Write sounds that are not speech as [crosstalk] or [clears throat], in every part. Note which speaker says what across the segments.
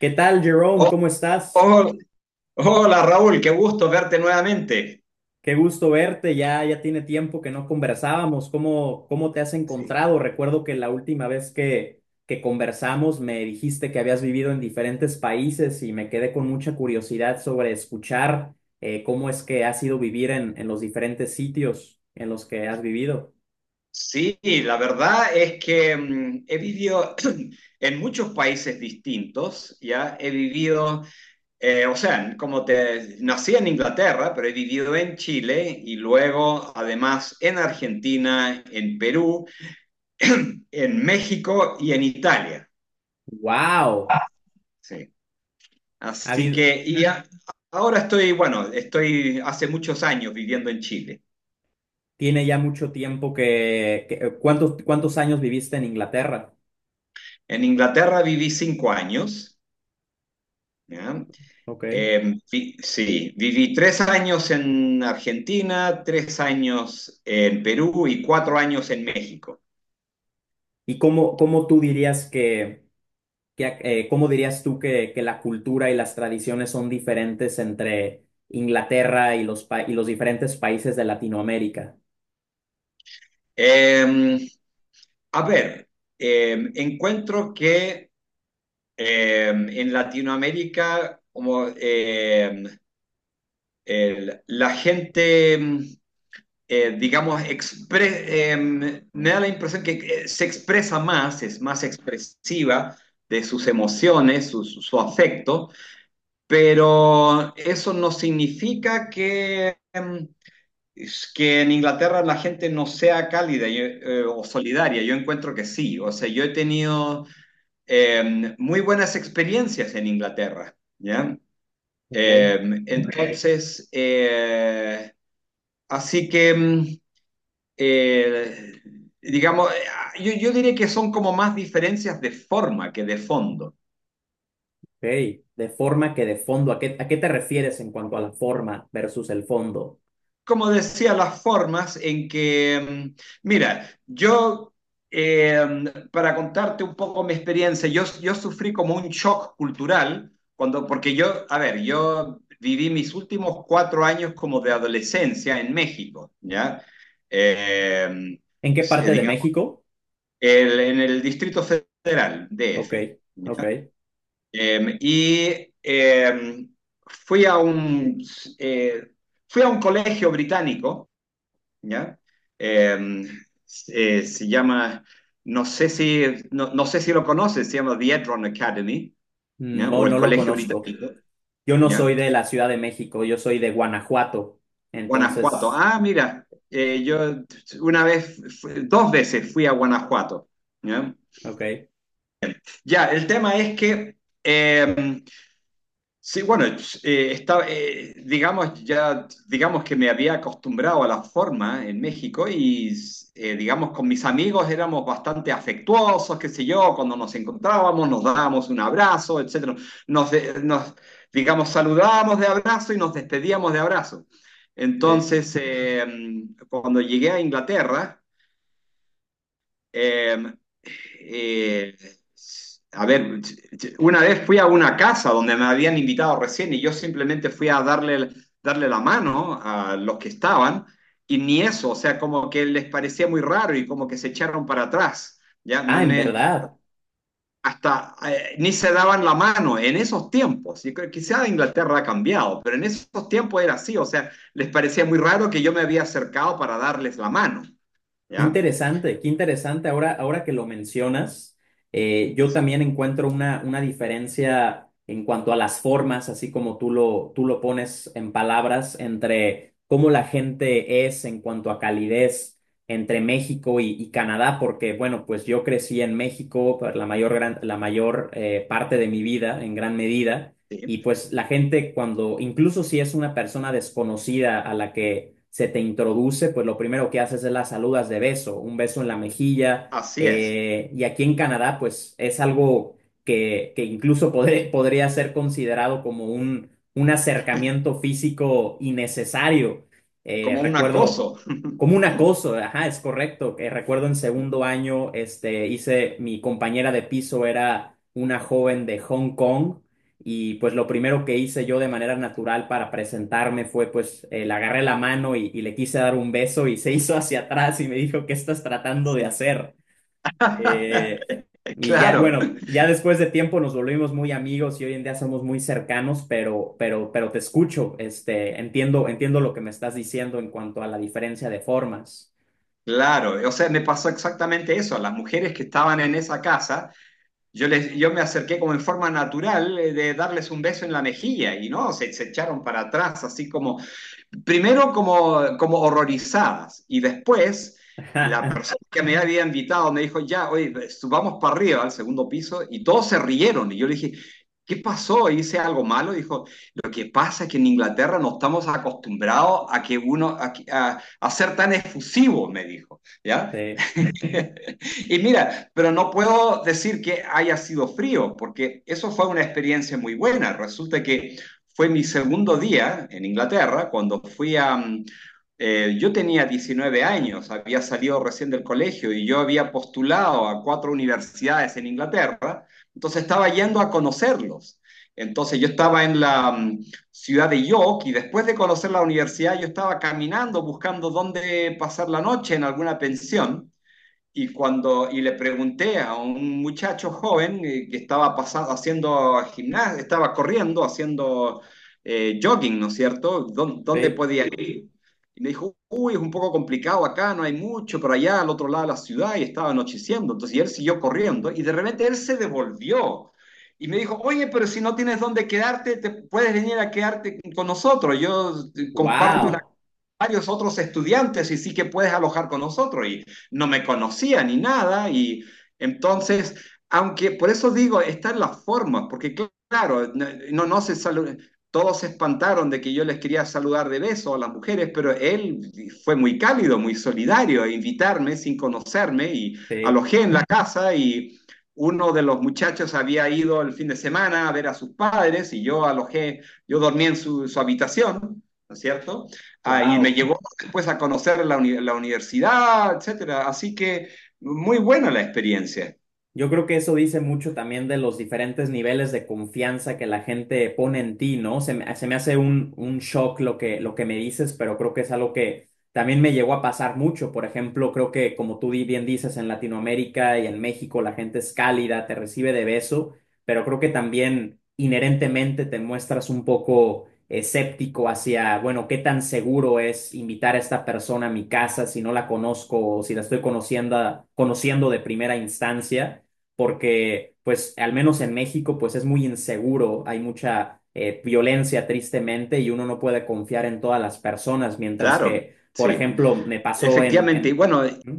Speaker 1: ¿Qué tal, Jerome?
Speaker 2: Oh,
Speaker 1: ¿Cómo estás?
Speaker 2: oh, hola Raúl, qué gusto verte nuevamente.
Speaker 1: Qué gusto verte. Ya tiene tiempo que no conversábamos. ¿Cómo, cómo te has
Speaker 2: Sí,
Speaker 1: encontrado? Recuerdo que la última vez que conversamos me dijiste que habías vivido en diferentes países y me quedé con mucha curiosidad sobre escuchar cómo es que has ido vivir en los diferentes sitios en los que has vivido.
Speaker 2: sí, la verdad es que he vivido [clears throat] en muchos países distintos. Ya he vivido, o sea, como te nací en Inglaterra, pero he vivido en Chile y luego además en Argentina, en Perú, [clears throat] en México y en Italia.
Speaker 1: ¡Wow!
Speaker 2: Sí.
Speaker 1: Ha
Speaker 2: Así
Speaker 1: habido,
Speaker 2: que y a- Ahora estoy, bueno, estoy hace muchos años viviendo en Chile.
Speaker 1: tiene ya mucho tiempo que- ¿cuántos, cuántos años viviste en Inglaterra?
Speaker 2: En Inglaterra viví 5 años, ¿ya?
Speaker 1: Ok.
Speaker 2: Sí, viví 3 años en Argentina, 3 años en Perú y 4 años en México.
Speaker 1: ¿Y cómo, cómo tú dirías que ¿Qué- ¿cómo dirías tú que la cultura y las tradiciones son diferentes entre Inglaterra y los, pa- y los diferentes países de Latinoamérica?
Speaker 2: Eh, a ver, encuentro que en Latinoamérica como, la gente digamos, expre me da la impresión que se expresa más, es más expresiva de sus emociones, su afecto, pero eso no significa que en Inglaterra la gente no sea cálida, yo, o solidaria. Yo encuentro que sí, o sea, yo he tenido muy buenas experiencias en Inglaterra, ¿ya?
Speaker 1: Ok.
Speaker 2: Eh, entonces, así que... eh, digamos, yo diré que son como más diferencias de forma que de fondo.
Speaker 1: Ok, de forma que de fondo, a qué te refieres en cuanto a la forma versus el fondo?
Speaker 2: Como decía, las formas en que, mira, eh, para contarte un poco mi experiencia, yo sufrí como un shock cultural, cuando, porque yo, a ver, yo viví mis últimos 4 años como de adolescencia en México, ¿ya? Eh,
Speaker 1: ¿En qué parte de
Speaker 2: digamos,
Speaker 1: México?
Speaker 2: en el Distrito Federal,
Speaker 1: Ok,
Speaker 2: DF.
Speaker 1: ok.
Speaker 2: Eh, y eh, fui a un, eh, Fui a un colegio británico, ¿ya? Eh, Se llama, no sé si, no, no sé si lo conoces, se llama The Edron Academy, ¿ya?
Speaker 1: No,
Speaker 2: O el
Speaker 1: no lo
Speaker 2: Colegio
Speaker 1: conozco.
Speaker 2: Británico,
Speaker 1: Yo no soy
Speaker 2: ¿ya?
Speaker 1: de la Ciudad de México, yo soy de Guanajuato.
Speaker 2: Guanajuato.
Speaker 1: Entonces,
Speaker 2: Ah, mira, yo una vez, dos veces fui a Guanajuato, ¿ya?
Speaker 1: ok.
Speaker 2: Ya, el tema es que... eh, sí, bueno, estaba, digamos, ya, digamos que me había acostumbrado a la forma en México y, digamos, con mis amigos éramos bastante afectuosos, qué sé yo, cuando nos encontrábamos, nos dábamos un abrazo, etcétera. Nos, digamos, saludábamos de abrazo y nos despedíamos de abrazo.
Speaker 1: Sí.
Speaker 2: Entonces, cuando llegué a Inglaterra, eh, eh, a ver, una vez fui a una casa donde me habían invitado recién y yo simplemente fui a darle la mano a los que estaban y ni eso, o sea, como que les parecía muy raro y como que se echaron para atrás, ya. No,
Speaker 1: Ah, en verdad.
Speaker 2: hasta ni se daban la mano en esos tiempos. Y creo- quizá Inglaterra ha cambiado, pero en esos tiempos era así, o sea, les parecía muy raro que yo me había acercado para darles la mano,
Speaker 1: Qué
Speaker 2: ¿ya?
Speaker 1: interesante, qué interesante. Ahora, ahora que lo mencionas, yo
Speaker 2: Sí,
Speaker 1: también encuentro una diferencia en cuanto a las formas, así como tú lo pones en palabras, entre cómo la gente es en cuanto a calidez entre México y Canadá, porque bueno, pues yo crecí en México por la mayor, gran- la mayor parte de mi vida, en gran medida.
Speaker 2: sí,
Speaker 1: Y pues la gente cuando, incluso si es una persona desconocida a la que se te introduce, pues lo primero que haces es las saludas de beso, un beso en la mejilla.
Speaker 2: así es.
Speaker 1: Y aquí en Canadá, pues es algo que incluso [laughs] podré- podría ser considerado como un acercamiento físico innecesario.
Speaker 2: Como un acoso.
Speaker 1: Recuerdo como
Speaker 2: [laughs]
Speaker 1: un acoso, ajá, es correcto. Recuerdo en segundo año, este, hice, mi compañera de piso era una joven de Hong Kong y pues lo primero que hice yo de manera natural para presentarme fue pues le agarré la mano y le quise dar un beso y se hizo hacia atrás y me dijo, ¿qué estás tratando de
Speaker 2: Sí.
Speaker 1: hacer? Eh,
Speaker 2: [laughs]
Speaker 1: y ya,
Speaker 2: Claro,
Speaker 1: bueno, ya después de tiempo nos volvimos muy amigos y hoy en día somos muy cercanos, pero te escucho, este, entiendo lo que me estás diciendo en cuanto a la diferencia de formas.
Speaker 2: claro. O sea, me pasó exactamente eso. A las mujeres que estaban en esa casa, yo me acerqué como en forma natural, de darles un beso en la mejilla y no, se echaron para atrás, así como, primero como, horrorizadas y después la persona
Speaker 1: [laughs]
Speaker 2: que me había invitado me dijo, ya, oye, subamos para arriba al segundo piso y todos se rieron y yo le dije, ¿qué pasó? ¿Hice algo malo? Dijo, lo que pasa es que en Inglaterra no estamos acostumbrados a que uno, a ser tan efusivo, me dijo, ¿ya?
Speaker 1: Sí,
Speaker 2: [laughs] Y mira, pero no puedo decir que haya sido frío, porque eso fue una experiencia muy buena. Resulta que fue mi segundo día en Inglaterra cuando fui a... yo tenía 19 años, había salido recién del colegio y yo había postulado a cuatro universidades en Inglaterra, entonces estaba yendo a conocerlos. Entonces yo estaba en la ciudad de York y después de conocer la universidad yo estaba caminando buscando dónde pasar la noche en alguna pensión y, y le pregunté a un muchacho joven, que estaba pasando, haciendo gimnasia, estaba corriendo, haciendo jogging, ¿no es cierto? ¿Dónde
Speaker 1: sí,
Speaker 2: podía ir? Y me dijo, uy, es un poco complicado acá, no hay mucho, pero allá al otro lado de la ciudad y estaba anocheciendo. Entonces, y él siguió corriendo y de repente él se devolvió y me dijo, oye, pero si no tienes dónde quedarte, te puedes venir a quedarte con nosotros. Yo comparto un
Speaker 1: wow,
Speaker 2: varios otros estudiantes y sí que puedes alojar con nosotros. Y no me conocía ni nada. Y entonces, aunque por eso digo, está en las formas, porque claro, no, no se saluda. Todos se espantaron de que yo les quería saludar de beso a las mujeres, pero él fue muy cálido, muy solidario, a invitarme sin conocerme y
Speaker 1: sí,
Speaker 2: alojé en la casa y uno de los muchachos había ido el fin de semana a ver a sus padres y yo alojé, yo dormí en su habitación, ¿no es cierto? Ah, y me
Speaker 1: wow.
Speaker 2: llevó después a conocer la, la universidad, etcétera. Así que muy buena la experiencia.
Speaker 1: Yo creo que eso dice mucho también de los diferentes niveles de confianza que la gente pone en ti, ¿no? Se me hace un shock lo que me dices, pero creo que es algo que también me llegó a pasar mucho. Por ejemplo, creo que como tú di- bien dices, en Latinoamérica y en México la gente es cálida, te recibe de beso, pero creo que también inherentemente te muestras un poco escéptico hacia, bueno, qué tan seguro es invitar a esta persona a mi casa si no la conozco o si la estoy conociendo, conociendo de primera instancia porque pues al menos en México pues es muy inseguro, hay mucha violencia tristemente y uno no puede confiar en todas las personas, mientras
Speaker 2: Claro,
Speaker 1: que, por
Speaker 2: sí.
Speaker 1: ejemplo, me pasó
Speaker 2: Efectivamente. Y
Speaker 1: en...
Speaker 2: bueno,
Speaker 1: ¿Mm?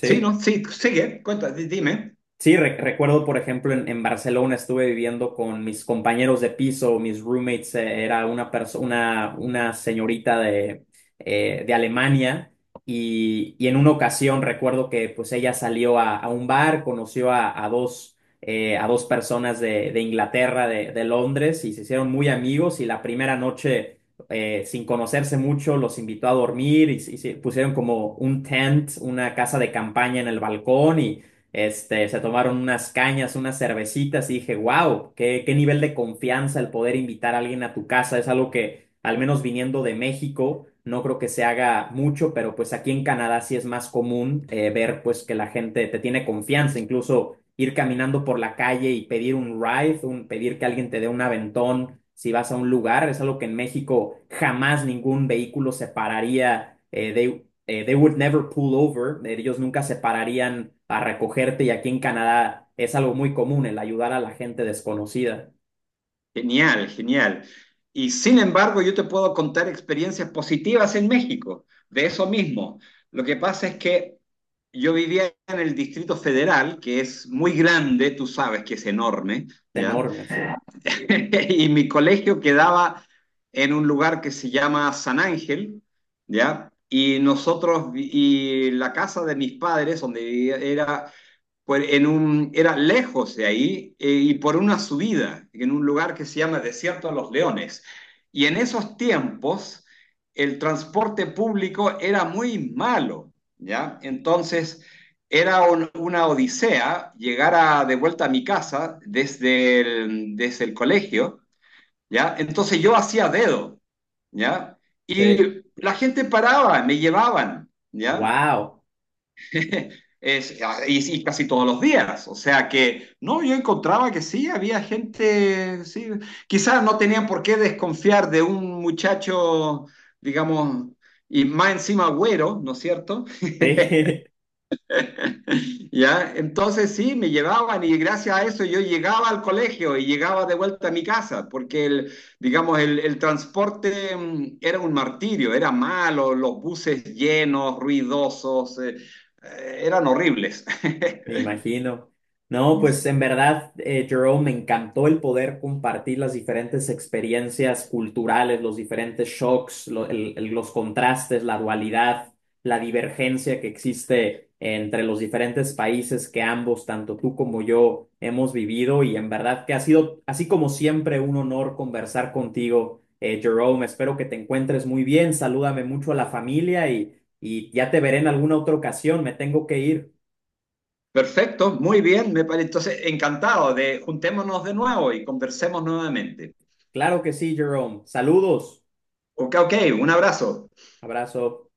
Speaker 2: sí, ¿no? Sí, sigue, cuenta, dime.
Speaker 1: Sí, re- recuerdo, por ejemplo, en Barcelona estuve viviendo con mis compañeros de piso, mis roommates, era una persona, una señorita de Alemania y en una ocasión recuerdo que pues ella salió a un bar, conoció a dos personas de Inglaterra, de Londres y se hicieron muy amigos y la primera noche, sin conocerse mucho, los invitó a dormir y se pusieron como un tent, una casa de campaña en el balcón y este, se tomaron unas cañas, unas cervecitas y dije, wow, qué, qué nivel de confianza el poder invitar a alguien a tu casa. Es algo que, al menos viniendo de México, no creo que se haga mucho, pero pues aquí en Canadá sí es más común ver pues que la gente te tiene confianza, incluso ir caminando por la calle y pedir un ride, un, pedir que alguien te dé un aventón si vas a un lugar. Es algo que en México jamás ningún vehículo se pararía they would never pull over, ellos nunca se pararían a recogerte y aquí en Canadá es algo muy común el ayudar a la gente desconocida.
Speaker 2: Genial, genial. Y sin embargo, yo te puedo contar experiencias positivas en México, de eso mismo. Lo que pasa es que yo vivía en el Distrito Federal, que es muy grande, tú sabes que es enorme,
Speaker 1: Es
Speaker 2: ¿ya?
Speaker 1: enorme, sí.
Speaker 2: [laughs] Y mi colegio quedaba en un lugar que se llama San Ángel, ¿ya? Y nosotros, y la casa de mis padres, donde vivía, era era lejos de ahí, y por una subida, en un lugar que se llama Desierto de los Leones. Y en esos tiempos el transporte público era muy malo, ¿ya? Entonces era una odisea llegar de vuelta a mi casa desde desde el colegio, ¿ya? Entonces yo hacía dedo, ¿ya?
Speaker 1: Sí.
Speaker 2: Y la gente paraba, me llevaban, ¿ya?
Speaker 1: Wow.
Speaker 2: [laughs] Es, ah, y casi todos los días. O sea que, no, yo encontraba que sí, había gente, sí, quizás no tenían por qué desconfiar de un muchacho, digamos, y más encima güero, ¿no es cierto?
Speaker 1: Sí. [laughs]
Speaker 2: [laughs] ¿Ya? Entonces sí, me llevaban y gracias a eso yo llegaba al colegio y llegaba de vuelta a mi casa, porque el, digamos, el transporte, era un martirio, era malo, los buses llenos, ruidosos, eran horribles.
Speaker 1: Me
Speaker 2: [laughs]
Speaker 1: imagino. No,
Speaker 2: Sí.
Speaker 1: pues
Speaker 2: Sí.
Speaker 1: en verdad, Jerome, me encantó el poder compartir las diferentes experiencias culturales, los diferentes shocks, lo- el- los contrastes, la dualidad, la divergencia que existe entre los diferentes países que ambos, tanto tú como yo, hemos vivido. Y en verdad que ha sido, así como siempre, un honor conversar contigo, Jerome. Espero que te encuentres muy bien. Salúdame mucho a la familia y ya te veré en alguna otra ocasión. Me tengo que ir.
Speaker 2: Perfecto, muy bien, me parece. Entonces, encantado de juntémonos de nuevo y conversemos nuevamente.
Speaker 1: Claro que sí, Jerome. Saludos.
Speaker 2: Ok, ok, un abrazo.
Speaker 1: Abrazo.